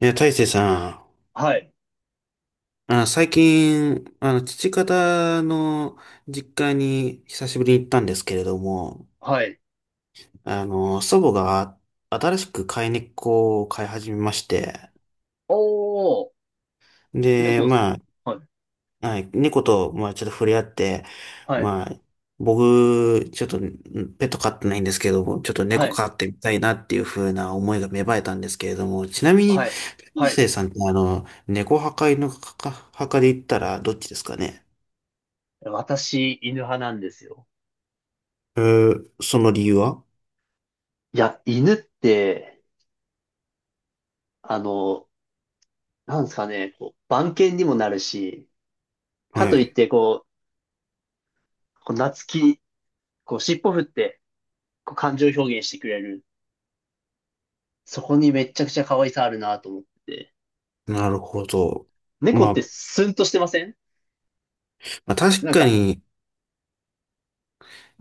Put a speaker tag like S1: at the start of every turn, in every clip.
S1: いや、大成さ
S2: はい。
S1: ん、最近、父方の実家に久しぶりに行ったんですけれども、
S2: はい。
S1: 祖母が新しく飼い猫を飼い始めまして、
S2: おー、
S1: で、
S2: 猫です。
S1: ま
S2: はい。
S1: あ、はい、猫と、まあ、ちょっと触れ合って、
S2: はい。
S1: まあ、僕、ちょっと、ペット飼ってないんですけども、ちょっと
S2: は
S1: 猫
S2: い。
S1: 飼ってみたいなっていう風な思いが芽生えたんですけれども、ちなみに、
S2: はい。
S1: 大
S2: はい。
S1: 成さんって、猫派か犬派かで言ったらどっちですかね？
S2: 私、犬派なんですよ。
S1: えーその理由は？
S2: いや、犬って、あの、なんですかね、こう、番犬にもなるし、か
S1: は
S2: といっ
S1: い。
S2: て、こう、こう懐き、こう、尻尾振って、こう、感情表現してくれる。そこにめっちゃくちゃ可愛さあるなと思ってて。
S1: なるほど。
S2: 猫
S1: ま
S2: っ
S1: あ、
S2: て
S1: ま
S2: スンとしてません？
S1: あ、確
S2: なん
S1: か
S2: か、
S1: に、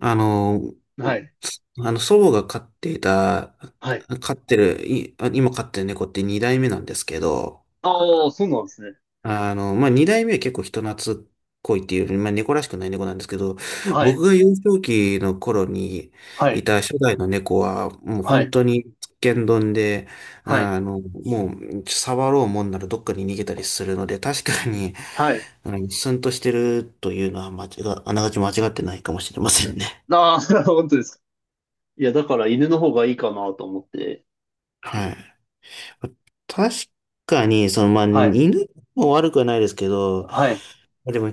S1: あの、
S2: はい。
S1: あの、祖母が
S2: はい。
S1: 飼ってる、今飼ってる猫って二代目なんですけど、
S2: ああ、そうなんですね。
S1: まあ、二代目は結構人懐っこいっていうより、まあ、猫らしくない猫なんですけど、
S2: はい。
S1: 僕が幼少期の頃に
S2: は
S1: い
S2: い。
S1: た初代の猫は、もう
S2: は
S1: 本
S2: い。
S1: 当にンドンで、
S2: はい。
S1: もう触ろうもんならどっかに逃げたりするので、確かに、
S2: はい。
S1: うん、スンとしてるというのは間違、あながち間違ってないかもしれませんね。
S2: ああ、本当です。いや、だから犬の方がいいかなと思って。
S1: はい。確かに、その、まあ、
S2: はい。
S1: 犬も悪くはないですけど、
S2: はい。
S1: でも、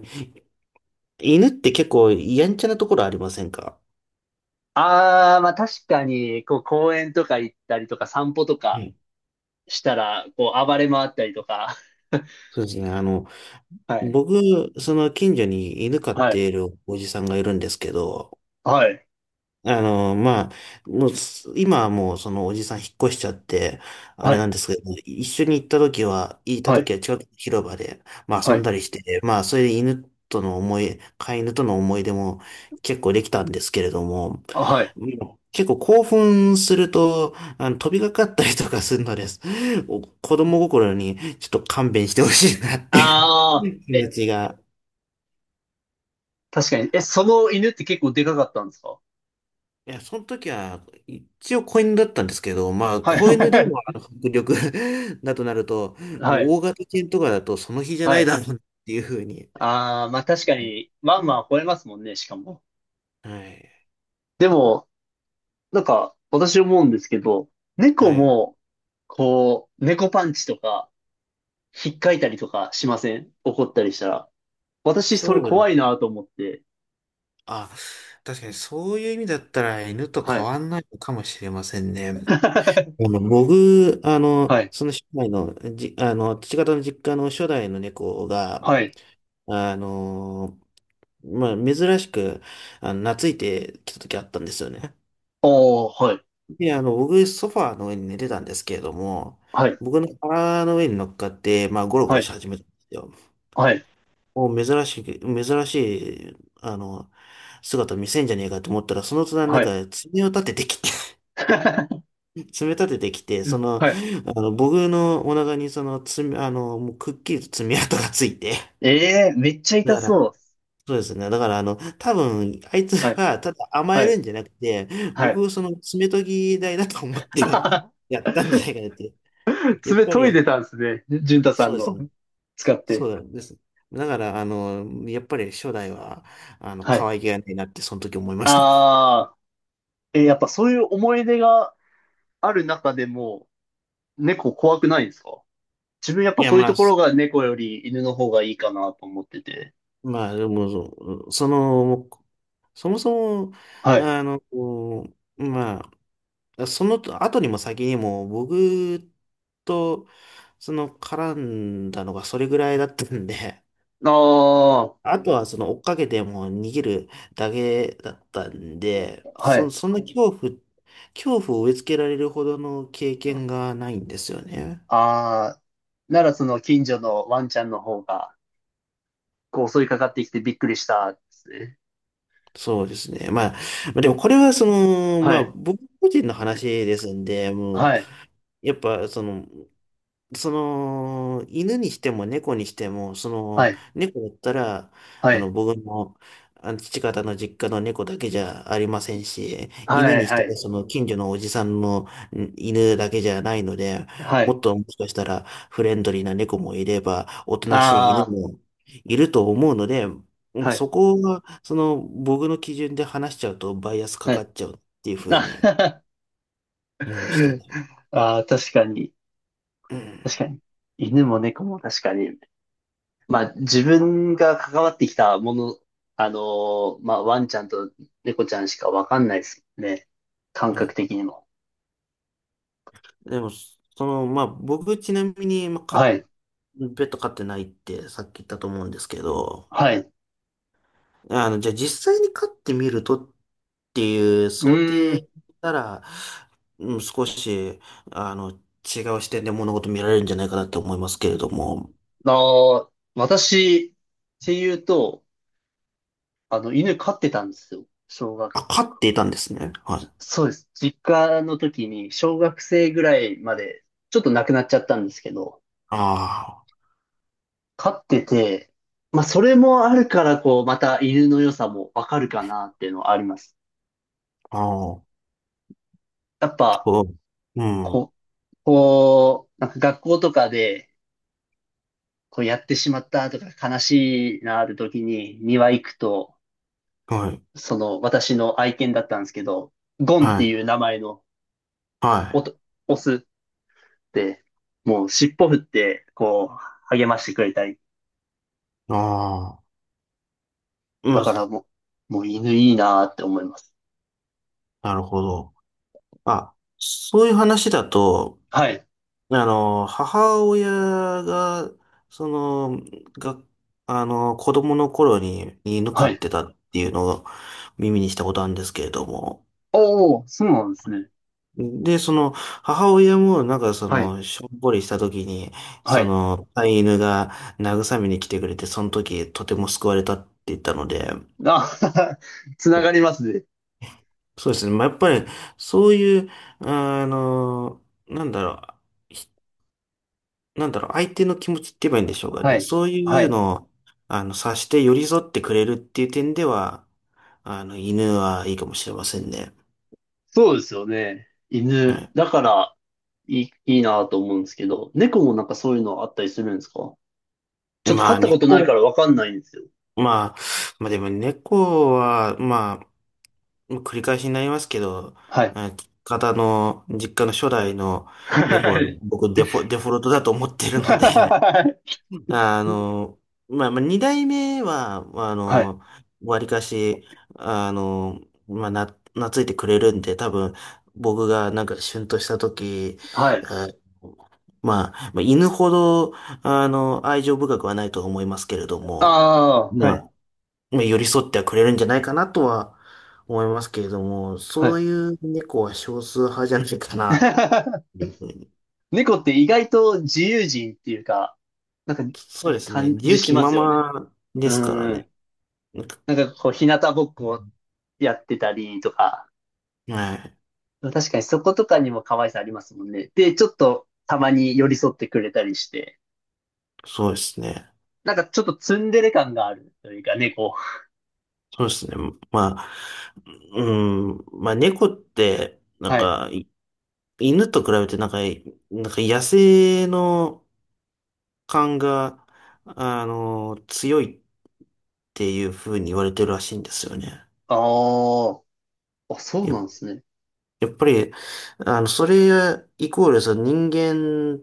S1: 犬って結構やんちゃなところありませんか？
S2: ああ、まあ確かに、こう公園とか行ったりとか散歩と
S1: は
S2: か
S1: い。
S2: したら、こう暴れ回ったりとか。
S1: そうですね。
S2: はい。
S1: 僕、その近所に犬飼っ
S2: はい。
S1: ているおじさんがいるんですけど、
S2: はい。
S1: まあ、もうす、今はもうそのおじさん引っ越しちゃって、あ
S2: は
S1: れな
S2: い。
S1: んですけど、一緒に行った時は、
S2: はい。
S1: 近くの広場で、まあ遊
S2: は
S1: ん
S2: い。
S1: だりして、まあそれで犬との思い、飼い犬との思い出も結構できたんですけれども、
S2: はい。
S1: もう結構興奮すると、飛びかかったりとかするのです。子供心にちょっと勘弁してほしいなってい
S2: あ
S1: う気
S2: あ、
S1: 持
S2: え、
S1: ちが。
S2: 確かに。え、その犬って結構でかかったんですか？
S1: いや、その時は、一応子犬だったんですけど、まあ、
S2: はい。
S1: 子犬でもあの 迫力 だとなると、
S2: はい。
S1: 大型犬とかだとその日じゃ
S2: は
S1: ない
S2: い。
S1: だろうっていうふうに。
S2: ああ、まあ確かに、ワンワン吠えますもんね、しかも。
S1: はい。
S2: でも、なんか、私思うんですけど、猫
S1: はい。
S2: も、こう、猫パンチとか、引っかいたりとかしません？怒ったりしたら。私、それ
S1: そう
S2: 怖
S1: です。
S2: いなと思って。
S1: あ、確かにそういう意味だったら犬と
S2: は
S1: 変
S2: い。
S1: わんないのかもしれませんね。あ の、僕、あの、
S2: はい。
S1: その初代の、じ、あの、父方の実家の初代の猫が、
S2: はい。
S1: あの、まあ、珍しく、懐いてきた時あったんですよね。
S2: おー、はい。
S1: で、僕、ソファーの上に寝てたんですけれども、
S2: はい。
S1: 僕の腹の上に乗っかって、まあ、ゴロゴ
S2: は
S1: ロし
S2: い。
S1: 始めたんですよ。
S2: はい。
S1: もう、珍しいあの、姿見せんじゃねえかと思ったら、その隣な
S2: は
S1: ん
S2: い。
S1: か、爪を立ててきて、爪立ててきて、
S2: うん、はい。
S1: 僕のお腹に、その、爪、あの、もう、くっきりと爪痕がついて、
S2: ええー、めっちゃ
S1: だ
S2: 痛
S1: か
S2: そ
S1: ら、
S2: う。
S1: そうですね。だから、多分、あいつ
S2: はい。
S1: は、ただ甘
S2: は
S1: える
S2: い。
S1: んじゃなくて、
S2: はい。
S1: 僕、その、爪研ぎ台だと思って やったんじゃないかなって。やっ
S2: 爪
S1: ぱ
S2: 研いで
S1: り、
S2: たんですね。じゅんたさ
S1: そう
S2: ん
S1: です
S2: の
S1: ね。
S2: 使っ
S1: そ
S2: て。
S1: うです。だから、やっぱり初代は、
S2: は
S1: 可
S2: い。
S1: 愛げがないなって、その時思いました。
S2: ああ、えーやっぱそういう思い出がある中でも、猫怖くないんですか？自分やっ
S1: い
S2: ぱ
S1: や、
S2: そういう
S1: ま
S2: と
S1: あ、
S2: ころ
S1: す
S2: が猫より犬の方がいいかなと思ってて。
S1: まあ、でも、その、そもそも、
S2: はい。
S1: あの、こまあ、その後にも先にも僕とその絡んだのがそれぐらいだったんで、
S2: ああ、
S1: あとはその追っかけてもう逃げるだけだったんで、
S2: はい。
S1: そんな恐怖、恐怖を植え付けられるほどの経験がないんですよね。
S2: ああ、ならその近所のワンちゃんの方が、こう襲いかかってきてびっくりしたですね。
S1: そうですね。まあ、まあでもこれはその、ま
S2: は
S1: あ
S2: い。
S1: 僕個人の話ですんで、もう、
S2: はい。
S1: やっぱその、その、犬にしても猫にしても、そ
S2: は
S1: の、
S2: い。
S1: 猫だったら、
S2: は
S1: あの、
S2: い。
S1: 僕の、あの、父方の実家の猫だけじゃありませんし、
S2: は
S1: 犬
S2: い。
S1: にした
S2: は
S1: ら、
S2: い。
S1: その、近所のおじさんの犬だけじゃないので、
S2: は
S1: もっ
S2: い。
S1: ともしかしたら、フレンドリーな猫もいれば、おとなしい犬
S2: あ
S1: もいると思うので、
S2: あ、
S1: まあ、
S2: は
S1: そ
S2: い。
S1: こが、その、僕の基準で話しちゃうと、バイアスか
S2: は
S1: か
S2: い。
S1: っちゃうっていうふうに
S2: あ、
S1: 思いました ね。
S2: あー、確かに。
S1: うん。
S2: 確かに。犬も猫も確かに。まあ、自分が関わってきたもの、あのーまあ、ワンちゃんと猫ちゃんしかわかんないですね。感
S1: は
S2: 覚
S1: い。
S2: 的にも。
S1: でも、その、まあ、僕ちなみに、まあ、
S2: は
S1: か、
S2: い。
S1: ペット飼ってないってさっき言ったと思うんですけど、
S2: はい。う
S1: じゃあ実際に飼ってみるとっていう
S2: ー
S1: 想
S2: ん。
S1: 定なら、うん、少し、違う視点で物事見られるんじゃないかなって思いますけれども、
S2: あー、私、っていうと、あの、犬飼ってたんですよ。小学、
S1: あ、飼っていたんですね。はい。
S2: そうです。実家の時に、小学生ぐらいまで、ちょっと亡くなっちゃったんですけど、
S1: あ
S2: 飼ってて、まあ、それもあるから、こう、また犬の良さもわかるかなっていうのはあります。
S1: あ、ああ、
S2: やっぱ、
S1: そう。うん。
S2: こ、こう、なんか学校とかで、こうやってしまったとか悲しいなある時に庭行くと、
S1: はい。
S2: その私の愛犬だったんですけど、ゴンっ
S1: は
S2: て
S1: い。
S2: いう名前の
S1: は
S2: お
S1: い。
S2: と、オスって、もう尻尾振って、こう、励ましてくれたり。
S1: ああ、ま
S2: だ
S1: あ、
S2: からもう、もう犬いいなあって思います。
S1: なるほど。あ、そういう話だと、
S2: はい。
S1: 母親が、その、が、あの、子供の頃に犬飼
S2: は
S1: っ
S2: い。
S1: てたっていうのを耳にしたことあるんですけれども。
S2: おお、そうなんですね。
S1: で、その、母親もなんかそ
S2: はい。
S1: の、しょんぼりした時に、
S2: は
S1: そ
S2: い。
S1: の、飼い犬が慰めに来てくれて、その時とても救われたって言ったので、
S2: あ、つながりますね。
S1: そうですね。まあ、やっぱり、そういう、あの、なんだろう。なんだろう、相手の気持ちって言えばいいんでしょうか
S2: は
S1: ね。
S2: い。
S1: そうい
S2: は
S1: う
S2: い。
S1: のを、察して寄り添ってくれるっていう点では、犬はいいかもしれませんね。
S2: そうですよね。
S1: は
S2: 犬。
S1: い。
S2: だから、いいなと思うんですけど、猫もなんかそういうのあったりするんですか？ちょっと
S1: ま
S2: 飼
S1: あ、
S2: ったことない
S1: 猫、
S2: からわかんないんですよ。
S1: まあ、まあでも猫は、まあ、繰り返しになりますけど、
S2: はい。
S1: あ方の、実家の初代の猫
S2: は
S1: は
S2: い。
S1: 僕デフォルトだと思ってるので、あの、まあ、二代目は、まあ
S2: はい。はい。
S1: の、わりかし、あの、まあ、な、懐いてくれるんで、多分、僕がなんか、旬とした時、
S2: はい、
S1: あまあ、まあ、犬ほど、愛情深くはないとは思いますけれども、
S2: ああー、は
S1: ま
S2: い。
S1: あ、まあ寄り添ってはくれるんじゃないかなとは思いますけれども、
S2: は
S1: そう
S2: い。
S1: いう猫は少数派じゃないかな、っ ていうふうに。
S2: 猫って意外と自由人っていうか、なんか
S1: そうですね。
S2: 感
S1: 自
S2: じ
S1: 由
S2: し
S1: 気
S2: ま
S1: ま
S2: すよね。
S1: まで
S2: う
S1: すからね。
S2: ん。なんかこう、日向ぼっこやってたりとか、
S1: はい。
S2: 確かにそことかにも可愛さありますもんね。で、ちょっとたまに寄り添ってくれたりして、
S1: そうですね。
S2: なんかちょっとツンデレ感があるというか、猫。
S1: そうですね。まあ、うん、まあ猫って、なん
S2: はい。
S1: か、い犬と比べてなんか、なんか野生の感が、強いっていう風に言われてるらしいんですよね。
S2: ああ、あ、そう
S1: や、
S2: なんですね。
S1: やっぱり、それイコール、その人間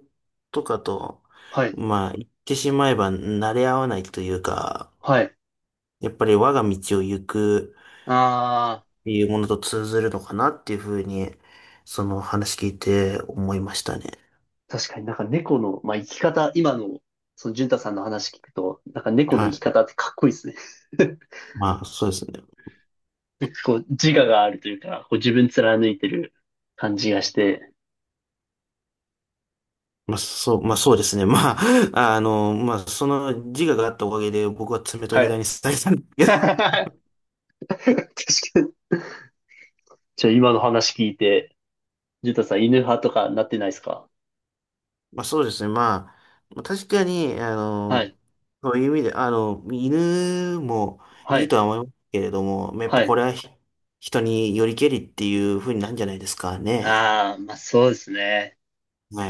S1: とかと、
S2: はい。
S1: まあ、言ってしまえば慣れ合わないというか、
S2: はい。
S1: やっぱり我が道を行く、
S2: ああ、
S1: いうものと通ずるのかなっていうふうに、その話聞いて思いましたね。
S2: 確かになんか猫の、まあ、生き方、今の、その、淳太さんの話聞くと、なんか猫の
S1: は
S2: 生き
S1: い。
S2: 方ってかっこいいですね。
S1: まあ、そうですね。
S2: こう、自我があるというか、こう自分貫いてる感じがして。
S1: まあ、そう、まあ、そうですね。まあ、まあ、その自我があったおかげで僕は爪と
S2: は
S1: ぎ
S2: い。
S1: 台にされたんです けど。
S2: 確かに。じゃあ今の話聞いて、淳太さん犬派とかなってないですか？
S1: まあ、そうですね。まあ、まあ確かに、
S2: はい。
S1: そういう意味で、犬も
S2: は
S1: いい
S2: い。
S1: とは思いますけれども、まあやっ
S2: は
S1: ぱこ
S2: い。
S1: れは人によりけりっていうふうになるんじゃないですかね。
S2: ああ、まあそうですね。
S1: はい。